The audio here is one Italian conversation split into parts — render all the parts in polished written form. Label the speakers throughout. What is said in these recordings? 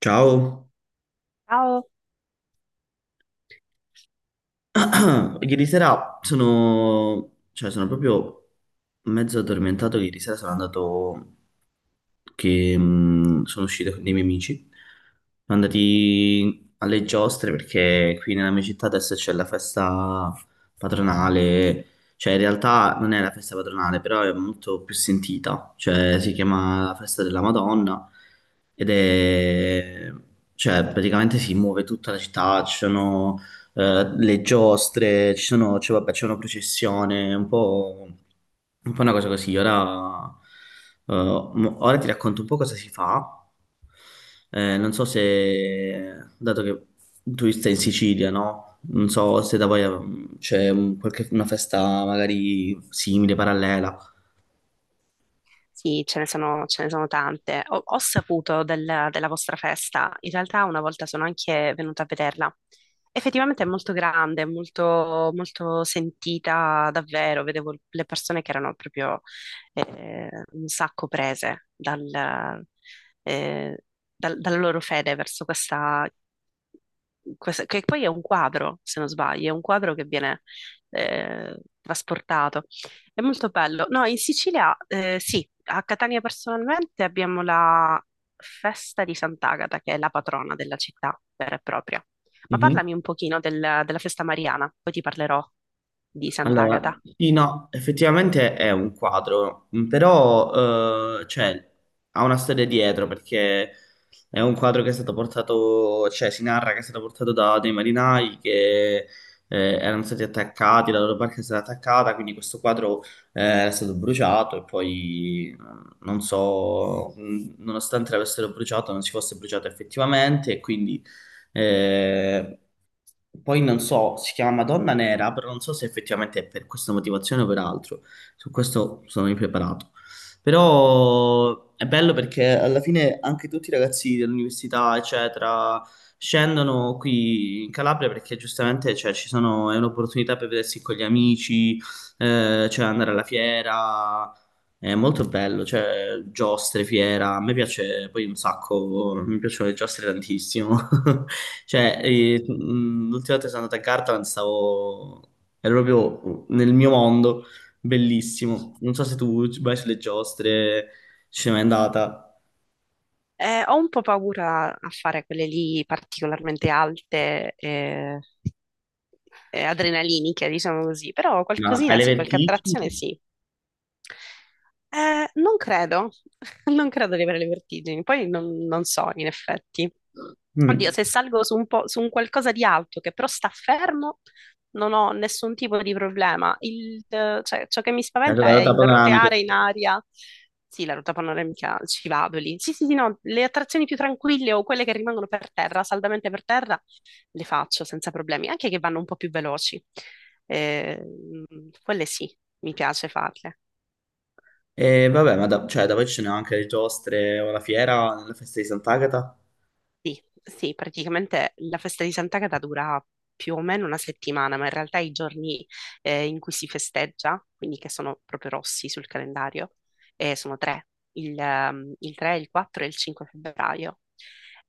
Speaker 1: Ciao,
Speaker 2: Ciao.
Speaker 1: ieri sera sono, cioè sono proprio mezzo addormentato. Ieri sera sono andato, che sono uscito con dei miei amici. Sono andati alle giostre perché qui nella mia città adesso c'è la festa patronale. Cioè in realtà non è la festa patronale, però è molto più sentita. Cioè si chiama la festa della Madonna ed è. Cioè praticamente si muove tutta la città, ci sono le giostre, ci sono, cioè, vabbè, c'è una processione, un po' una cosa così. Ora, ora ti racconto un po' cosa si fa. Non so se, dato che tu stai in Sicilia, no? Non so se da voi c'è una festa magari simile, parallela.
Speaker 2: Sì, ce ne sono tante. Ho saputo della vostra festa. In realtà una volta sono anche venuta a vederla. Effettivamente è molto grande, molto, molto sentita davvero. Vedevo le persone che erano proprio un sacco prese eh, dalla loro fede verso che poi è un quadro, se non sbaglio, è un quadro che viene trasportato. È molto bello. No, in Sicilia, sì, a Catania personalmente abbiamo la festa di Sant'Agata, che è la patrona della città vera e propria. Ma parlami un pochino della festa mariana, poi ti parlerò di
Speaker 1: Allora,
Speaker 2: Sant'Agata.
Speaker 1: sì, no, effettivamente è un quadro, però cioè, ha una storia dietro perché è un quadro che è stato portato, cioè si narra che è stato portato da dei marinai che erano stati attaccati, la loro barca è stata attaccata, quindi questo quadro è stato bruciato e poi non so, nonostante l'avessero bruciato non si fosse bruciato effettivamente e quindi eh, poi non so, si chiama Madonna Nera, però non so se effettivamente è per questa motivazione o per altro. Su questo sono impreparato. Però è bello perché alla fine anche tutti i ragazzi dell'università, eccetera, scendono qui in Calabria perché giustamente cioè, ci sono, è un'opportunità per vedersi con gli amici, cioè andare alla fiera. È molto bello, cioè giostre, fiera, a me piace poi un sacco, mi piacciono le giostre tantissimo. Cioè, l'ultima volta che sono andato a Gardaland stavo. Ero proprio nel mio mondo, bellissimo. Non so se tu ci vai sulle giostre, ci sei mai andata,
Speaker 2: Ho un po' paura a fare quelle lì particolarmente alte e adrenaliniche, diciamo così, però
Speaker 1: ma
Speaker 2: qualcosina
Speaker 1: alle
Speaker 2: sì, qualche
Speaker 1: vertigini?
Speaker 2: attrazione sì. Non credo, non credo di avere le vertigini, poi non so in effetti. Oddio,
Speaker 1: Mm.
Speaker 2: se salgo su un po', su un qualcosa di alto che però sta fermo, non ho nessun tipo di problema. Cioè, ciò che mi
Speaker 1: È stata
Speaker 2: spaventa è
Speaker 1: andata
Speaker 2: il
Speaker 1: panoramica,
Speaker 2: roteare in
Speaker 1: tipo.
Speaker 2: aria. Sì, la ruota panoramica ci vado lì. Sì, sì, sì, no, le attrazioni più tranquille o quelle che rimangono per terra, saldamente per terra, le faccio senza problemi, anche che vanno un po' più veloci. Eh, quelle sì, mi piace farle.
Speaker 1: E vabbè, ma da poi ci sono anche le giostre o la fiera, nella festa di Sant'Agata.
Speaker 2: Sì, sì, praticamente la festa di Sant'Agata dura più o meno una settimana, ma in realtà i giorni in cui si festeggia, quindi che sono proprio rossi sul calendario, sono tre, il 3, il 4 e il 5 febbraio.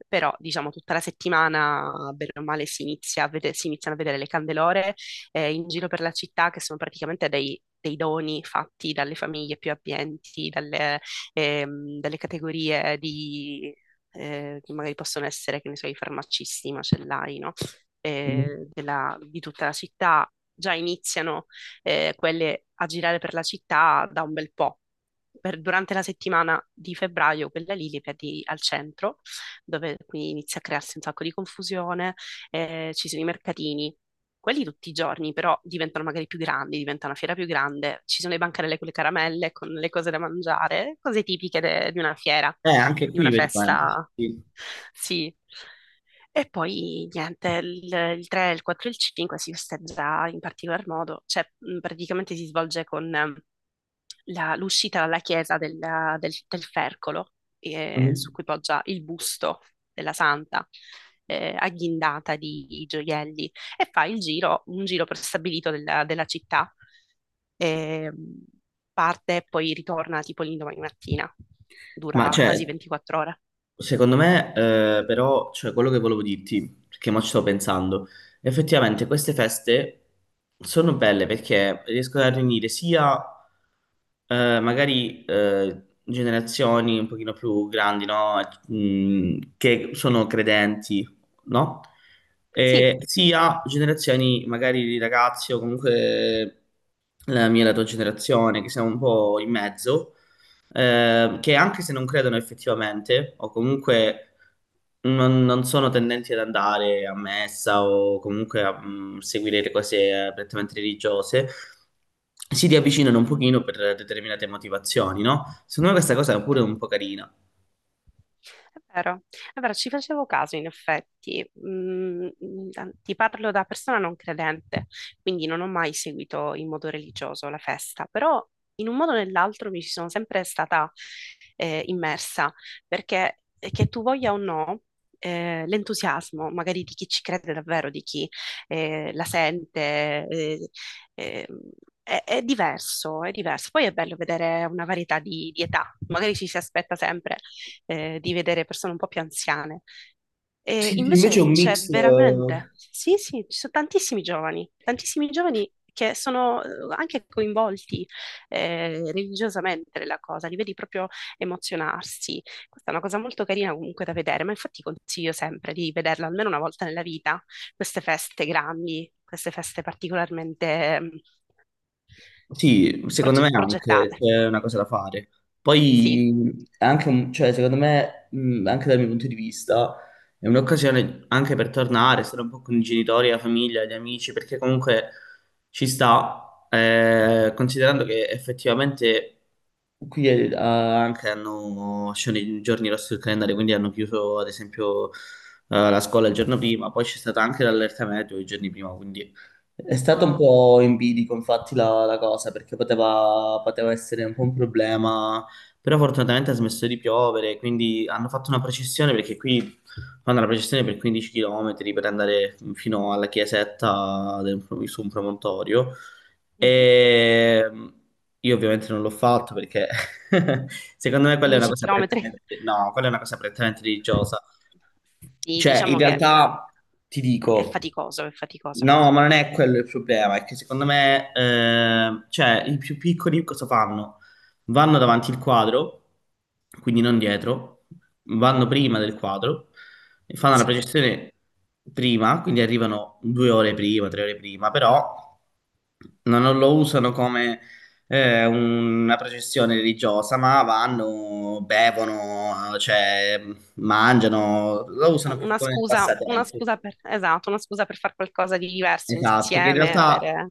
Speaker 2: Però, diciamo, tutta la settimana, bene o male, si iniziano a vedere le candelore in giro per la città, che sono praticamente dei doni fatti dalle famiglie più abbienti, dalle categorie che magari possono essere, che ne so, i farmacisti, i macellai, no?
Speaker 1: Mm.
Speaker 2: Di tutta la città, già iniziano quelle a girare per la città da un bel po'. Durante la settimana di febbraio, quella lì li vedi al centro, dove quindi inizia a crearsi un sacco di confusione, ci sono i mercatini. Quelli tutti i giorni, però diventano magari più grandi, diventa una fiera più grande. Ci sono le bancarelle con le caramelle, con le cose da mangiare, cose tipiche di una fiera
Speaker 1: Anche
Speaker 2: di
Speaker 1: qui
Speaker 2: una
Speaker 1: vedi quanti.
Speaker 2: festa.
Speaker 1: Sì.
Speaker 2: Sì. E poi niente, il 3, il 4 e il 5 si festeggia in particolar modo, cioè praticamente si svolge con l'uscita dalla chiesa del Fercolo, su
Speaker 1: Mm.
Speaker 2: cui poggia il busto della Santa, agghindata di gioielli, e fa il giro, un giro prestabilito della città. Ehm, parte e poi ritorna tipo l'indomani mattina.
Speaker 1: Ma
Speaker 2: Dura quasi
Speaker 1: cioè,
Speaker 2: 24 ore.
Speaker 1: secondo me, però, cioè, quello che volevo dirti, perché mo ci sto pensando, effettivamente queste feste sono belle perché riescono a riunire sia magari generazioni un pochino più grandi, no? Che sono credenti, no?
Speaker 2: Sì,
Speaker 1: E sia generazioni magari di ragazzi o comunque la mia e la tua generazione, che siamo un po' in mezzo che anche se non credono effettivamente, o comunque non sono tendenti ad andare a messa o comunque a seguire le cose prettamente religiose, si riavvicinano un pochino per determinate motivazione, no? Secondo me questa cosa è pure un po' carina.
Speaker 2: è vero, è vero, ci facevo caso in effetti. Ti parlo da persona non credente, quindi non ho mai seguito in modo religioso la festa, però in un modo o nell'altro mi ci sono sempre stata immersa, perché che tu voglia o no, l'entusiasmo magari di chi ci crede davvero, di chi la sente, eh, eh, è diverso, è diverso. Poi è bello vedere una varietà di età, magari ci si aspetta sempre di vedere persone un po' più anziane. E
Speaker 1: Sì, sì, invece è
Speaker 2: invece
Speaker 1: un
Speaker 2: c'è
Speaker 1: mix,
Speaker 2: veramente, sì, sì, ci sono tantissimi giovani che sono anche coinvolti religiosamente nella cosa, li vedi proprio emozionarsi. Questa è una cosa molto carina comunque da vedere, ma infatti consiglio sempre di vederla almeno una volta nella vita, queste feste grandi, queste feste particolarmente
Speaker 1: sì, secondo me anche
Speaker 2: progettate.
Speaker 1: c'è una cosa da fare.
Speaker 2: Sì,
Speaker 1: Poi è anche cioè, secondo me, anche dal mio punto di vista, è un'occasione anche per tornare, stare un po' con i genitori, la famiglia, gli amici, perché comunque ci sta, considerando che effettivamente qui anche hanno sono i giorni rossi del calendario, quindi hanno chiuso ad esempio la scuola il giorno prima, poi c'è stata anche l'allerta meteo i giorni prima, quindi è stato un po' in bilico, infatti, la cosa, perché poteva essere un po' un problema, però fortunatamente ha smesso di piovere, quindi hanno fatto una processione, perché qui fanno la processione per 15 km per andare fino alla chiesetta su un promontorio,
Speaker 2: mhm.
Speaker 1: e io ovviamente non l'ho fatto perché secondo me quella è una
Speaker 2: 15
Speaker 1: cosa
Speaker 2: km.
Speaker 1: prettamente, no, quella è una cosa prettamente religiosa,
Speaker 2: Sì,
Speaker 1: cioè, in
Speaker 2: diciamo che
Speaker 1: realtà ti
Speaker 2: è
Speaker 1: dico,
Speaker 2: faticoso, è faticoso.
Speaker 1: no, ma non è quello il problema, è che secondo me, cioè, i più piccoli cosa fanno? Vanno davanti al quadro, quindi non dietro, vanno prima del quadro, e fanno la
Speaker 2: Sì,
Speaker 1: projezione prima, quindi arrivano 2 ore prima, 3 ore prima, però non lo usano come una processione religiosa, ma vanno, bevono, cioè mangiano, lo
Speaker 2: no,
Speaker 1: usano per come
Speaker 2: una
Speaker 1: passatempo.
Speaker 2: scusa per, esatto, una scusa per fare qualcosa di diverso
Speaker 1: Esatto, che in
Speaker 2: insieme,
Speaker 1: realtà
Speaker 2: avere...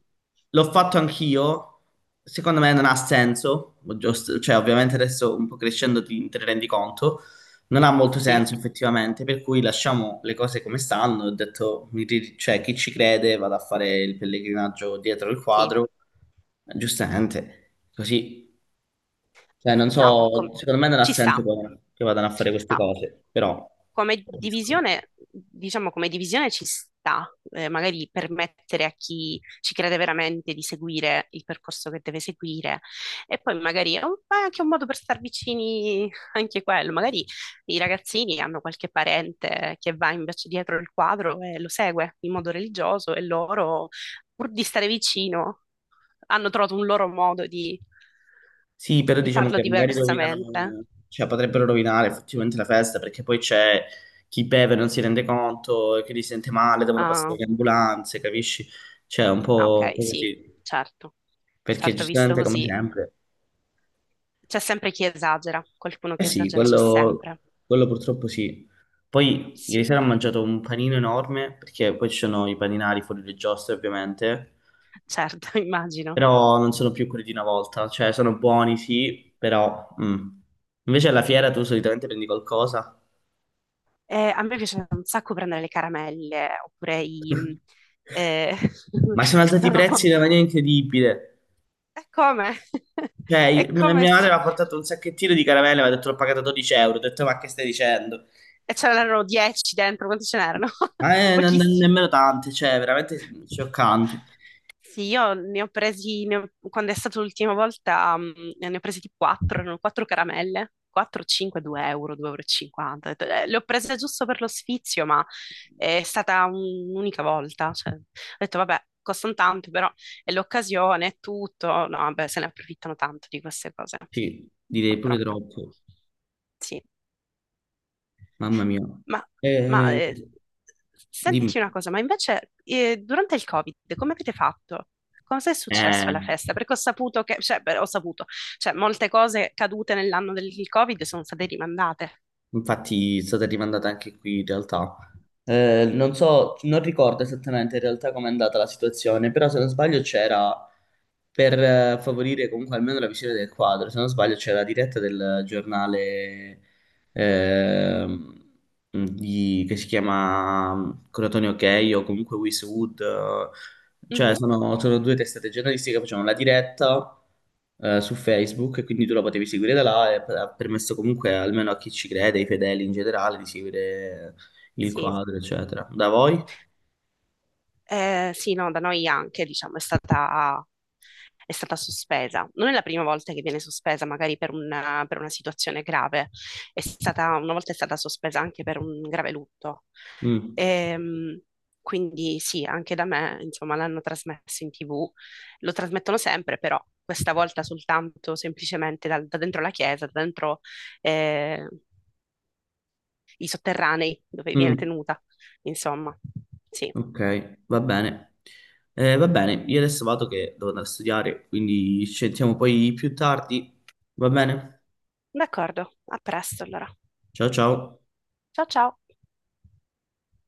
Speaker 1: l'ho fatto anch'io, secondo me non ha senso, cioè ovviamente adesso un po' crescendo ti te ne rendi conto, non ha molto
Speaker 2: Sì,
Speaker 1: senso effettivamente, per cui lasciamo le cose come stanno, ho detto, cioè chi ci crede vado a fare il pellegrinaggio dietro il
Speaker 2: sì.
Speaker 1: quadro, giustamente, così, cioè non
Speaker 2: No,
Speaker 1: so, secondo me non ha
Speaker 2: ci sta.
Speaker 1: senso che vadano a fare queste
Speaker 2: No.
Speaker 1: cose, però.
Speaker 2: Come divisione, diciamo come divisione ci sta, magari permettere a chi ci crede veramente di seguire il percorso che deve seguire e poi magari è anche un modo per star vicini anche quello, magari i ragazzini hanno qualche parente che va invece dietro il quadro e lo segue in modo religioso e loro, pur di stare vicino, hanno trovato un loro modo di,
Speaker 1: Sì, però
Speaker 2: di
Speaker 1: diciamo
Speaker 2: farlo
Speaker 1: che magari
Speaker 2: diversamente.
Speaker 1: rovinano, cioè potrebbero rovinare effettivamente la festa perché poi c'è chi beve non si rende conto e quindi si sente male, devono passare
Speaker 2: Ah,
Speaker 1: le ambulanze, capisci? Cioè, è
Speaker 2: ah,
Speaker 1: un
Speaker 2: ok,
Speaker 1: po'
Speaker 2: sì,
Speaker 1: così,
Speaker 2: certo.
Speaker 1: perché
Speaker 2: Certo, visto
Speaker 1: giustamente come
Speaker 2: così.
Speaker 1: sempre.
Speaker 2: C'è sempre chi esagera, qualcuno
Speaker 1: Eh
Speaker 2: che
Speaker 1: sì,
Speaker 2: esagera c'è
Speaker 1: quello,
Speaker 2: sempre.
Speaker 1: quello purtroppo sì. Poi ieri
Speaker 2: Sì,
Speaker 1: sera ho mangiato un panino enorme perché poi ci sono i paninari fuori le giostre ovviamente,
Speaker 2: certo, immagino.
Speaker 1: però non sono più quelli di una volta, cioè sono buoni sì, però... mm. Invece alla fiera tu solitamente prendi qualcosa?
Speaker 2: A me piace un sacco prendere le caramelle, oppure eh,
Speaker 1: Ma sono
Speaker 2: ci
Speaker 1: alzati i prezzi
Speaker 2: sono...
Speaker 1: in una maniera incredibile.
Speaker 2: E come?
Speaker 1: Cioè,
Speaker 2: E
Speaker 1: mia
Speaker 2: come
Speaker 1: mia madre mi
Speaker 2: si...
Speaker 1: ha portato un sacchettino di caramelle, mi ha detto l'ho pagata 12 euro. Ho detto, ma che stai dicendo?
Speaker 2: E ce n'erano 10 dentro, quanti ce n'erano?
Speaker 1: Ma
Speaker 2: Pochissimi.
Speaker 1: nemmeno tante, cioè, veramente scioccante.
Speaker 2: Sì, io ne ho presi, quando è stata l'ultima volta, ne ho presi tipo 4, erano 4 caramelle, 4, 5, 2 euro, 2,50 euro, e cinquanta. Ho detto, le ho prese giusto per lo sfizio, ma è stata un'unica volta. Cioè, ho detto, vabbè, costano tanto, però è l'occasione, è tutto. No, vabbè, se ne approfittano tanto di queste cose,
Speaker 1: Sì, direi pure
Speaker 2: purtroppo.
Speaker 1: troppo.
Speaker 2: Sì.
Speaker 1: Mamma mia.
Speaker 2: Ma, ma,
Speaker 1: Eh,
Speaker 2: eh,
Speaker 1: Dimmi.
Speaker 2: senti una cosa, ma invece durante il Covid come avete fatto? Cosa è successo
Speaker 1: Eh.
Speaker 2: alla festa? Perché ho saputo che, cioè, beh, ho saputo, cioè, molte cose cadute nell'anno del Covid sono state rimandate.
Speaker 1: Infatti è stata rimandata anche qui in realtà. Non so, non ricordo esattamente in realtà com'è andata la situazione, però se non sbaglio c'era, per favorire comunque almeno la visione del quadro, se non sbaglio c'era la diretta del giornale ehm, che si chiama Crotonio Ok o comunque Wisewood, cioè,
Speaker 2: Mhm,
Speaker 1: sono due testate giornalistiche che facevano la diretta su Facebook, e quindi tu la potevi seguire da là e ha permesso comunque almeno a chi ci crede, ai fedeli in generale, di seguire il
Speaker 2: sì.
Speaker 1: quadro, eccetera. Da voi?
Speaker 2: Sì, no, da noi anche, diciamo, è stata sospesa. Non è la prima volta che viene sospesa, magari per una situazione grave. Una volta è stata sospesa anche per un grave lutto.
Speaker 1: Mm.
Speaker 2: Ehm, quindi sì, anche da me, insomma, l'hanno trasmesso in TV. Lo trasmettono sempre, però questa volta soltanto semplicemente dentro la chiesa, da dentro eh, i sotterranei dove viene
Speaker 1: Mm.
Speaker 2: tenuta, insomma. Sì,
Speaker 1: Ok, va bene. Va bene, io adesso vado che devo andare a studiare, quindi ci sentiamo poi più tardi. Va bene?
Speaker 2: d'accordo, a presto allora.
Speaker 1: Ciao ciao.
Speaker 2: Ciao ciao!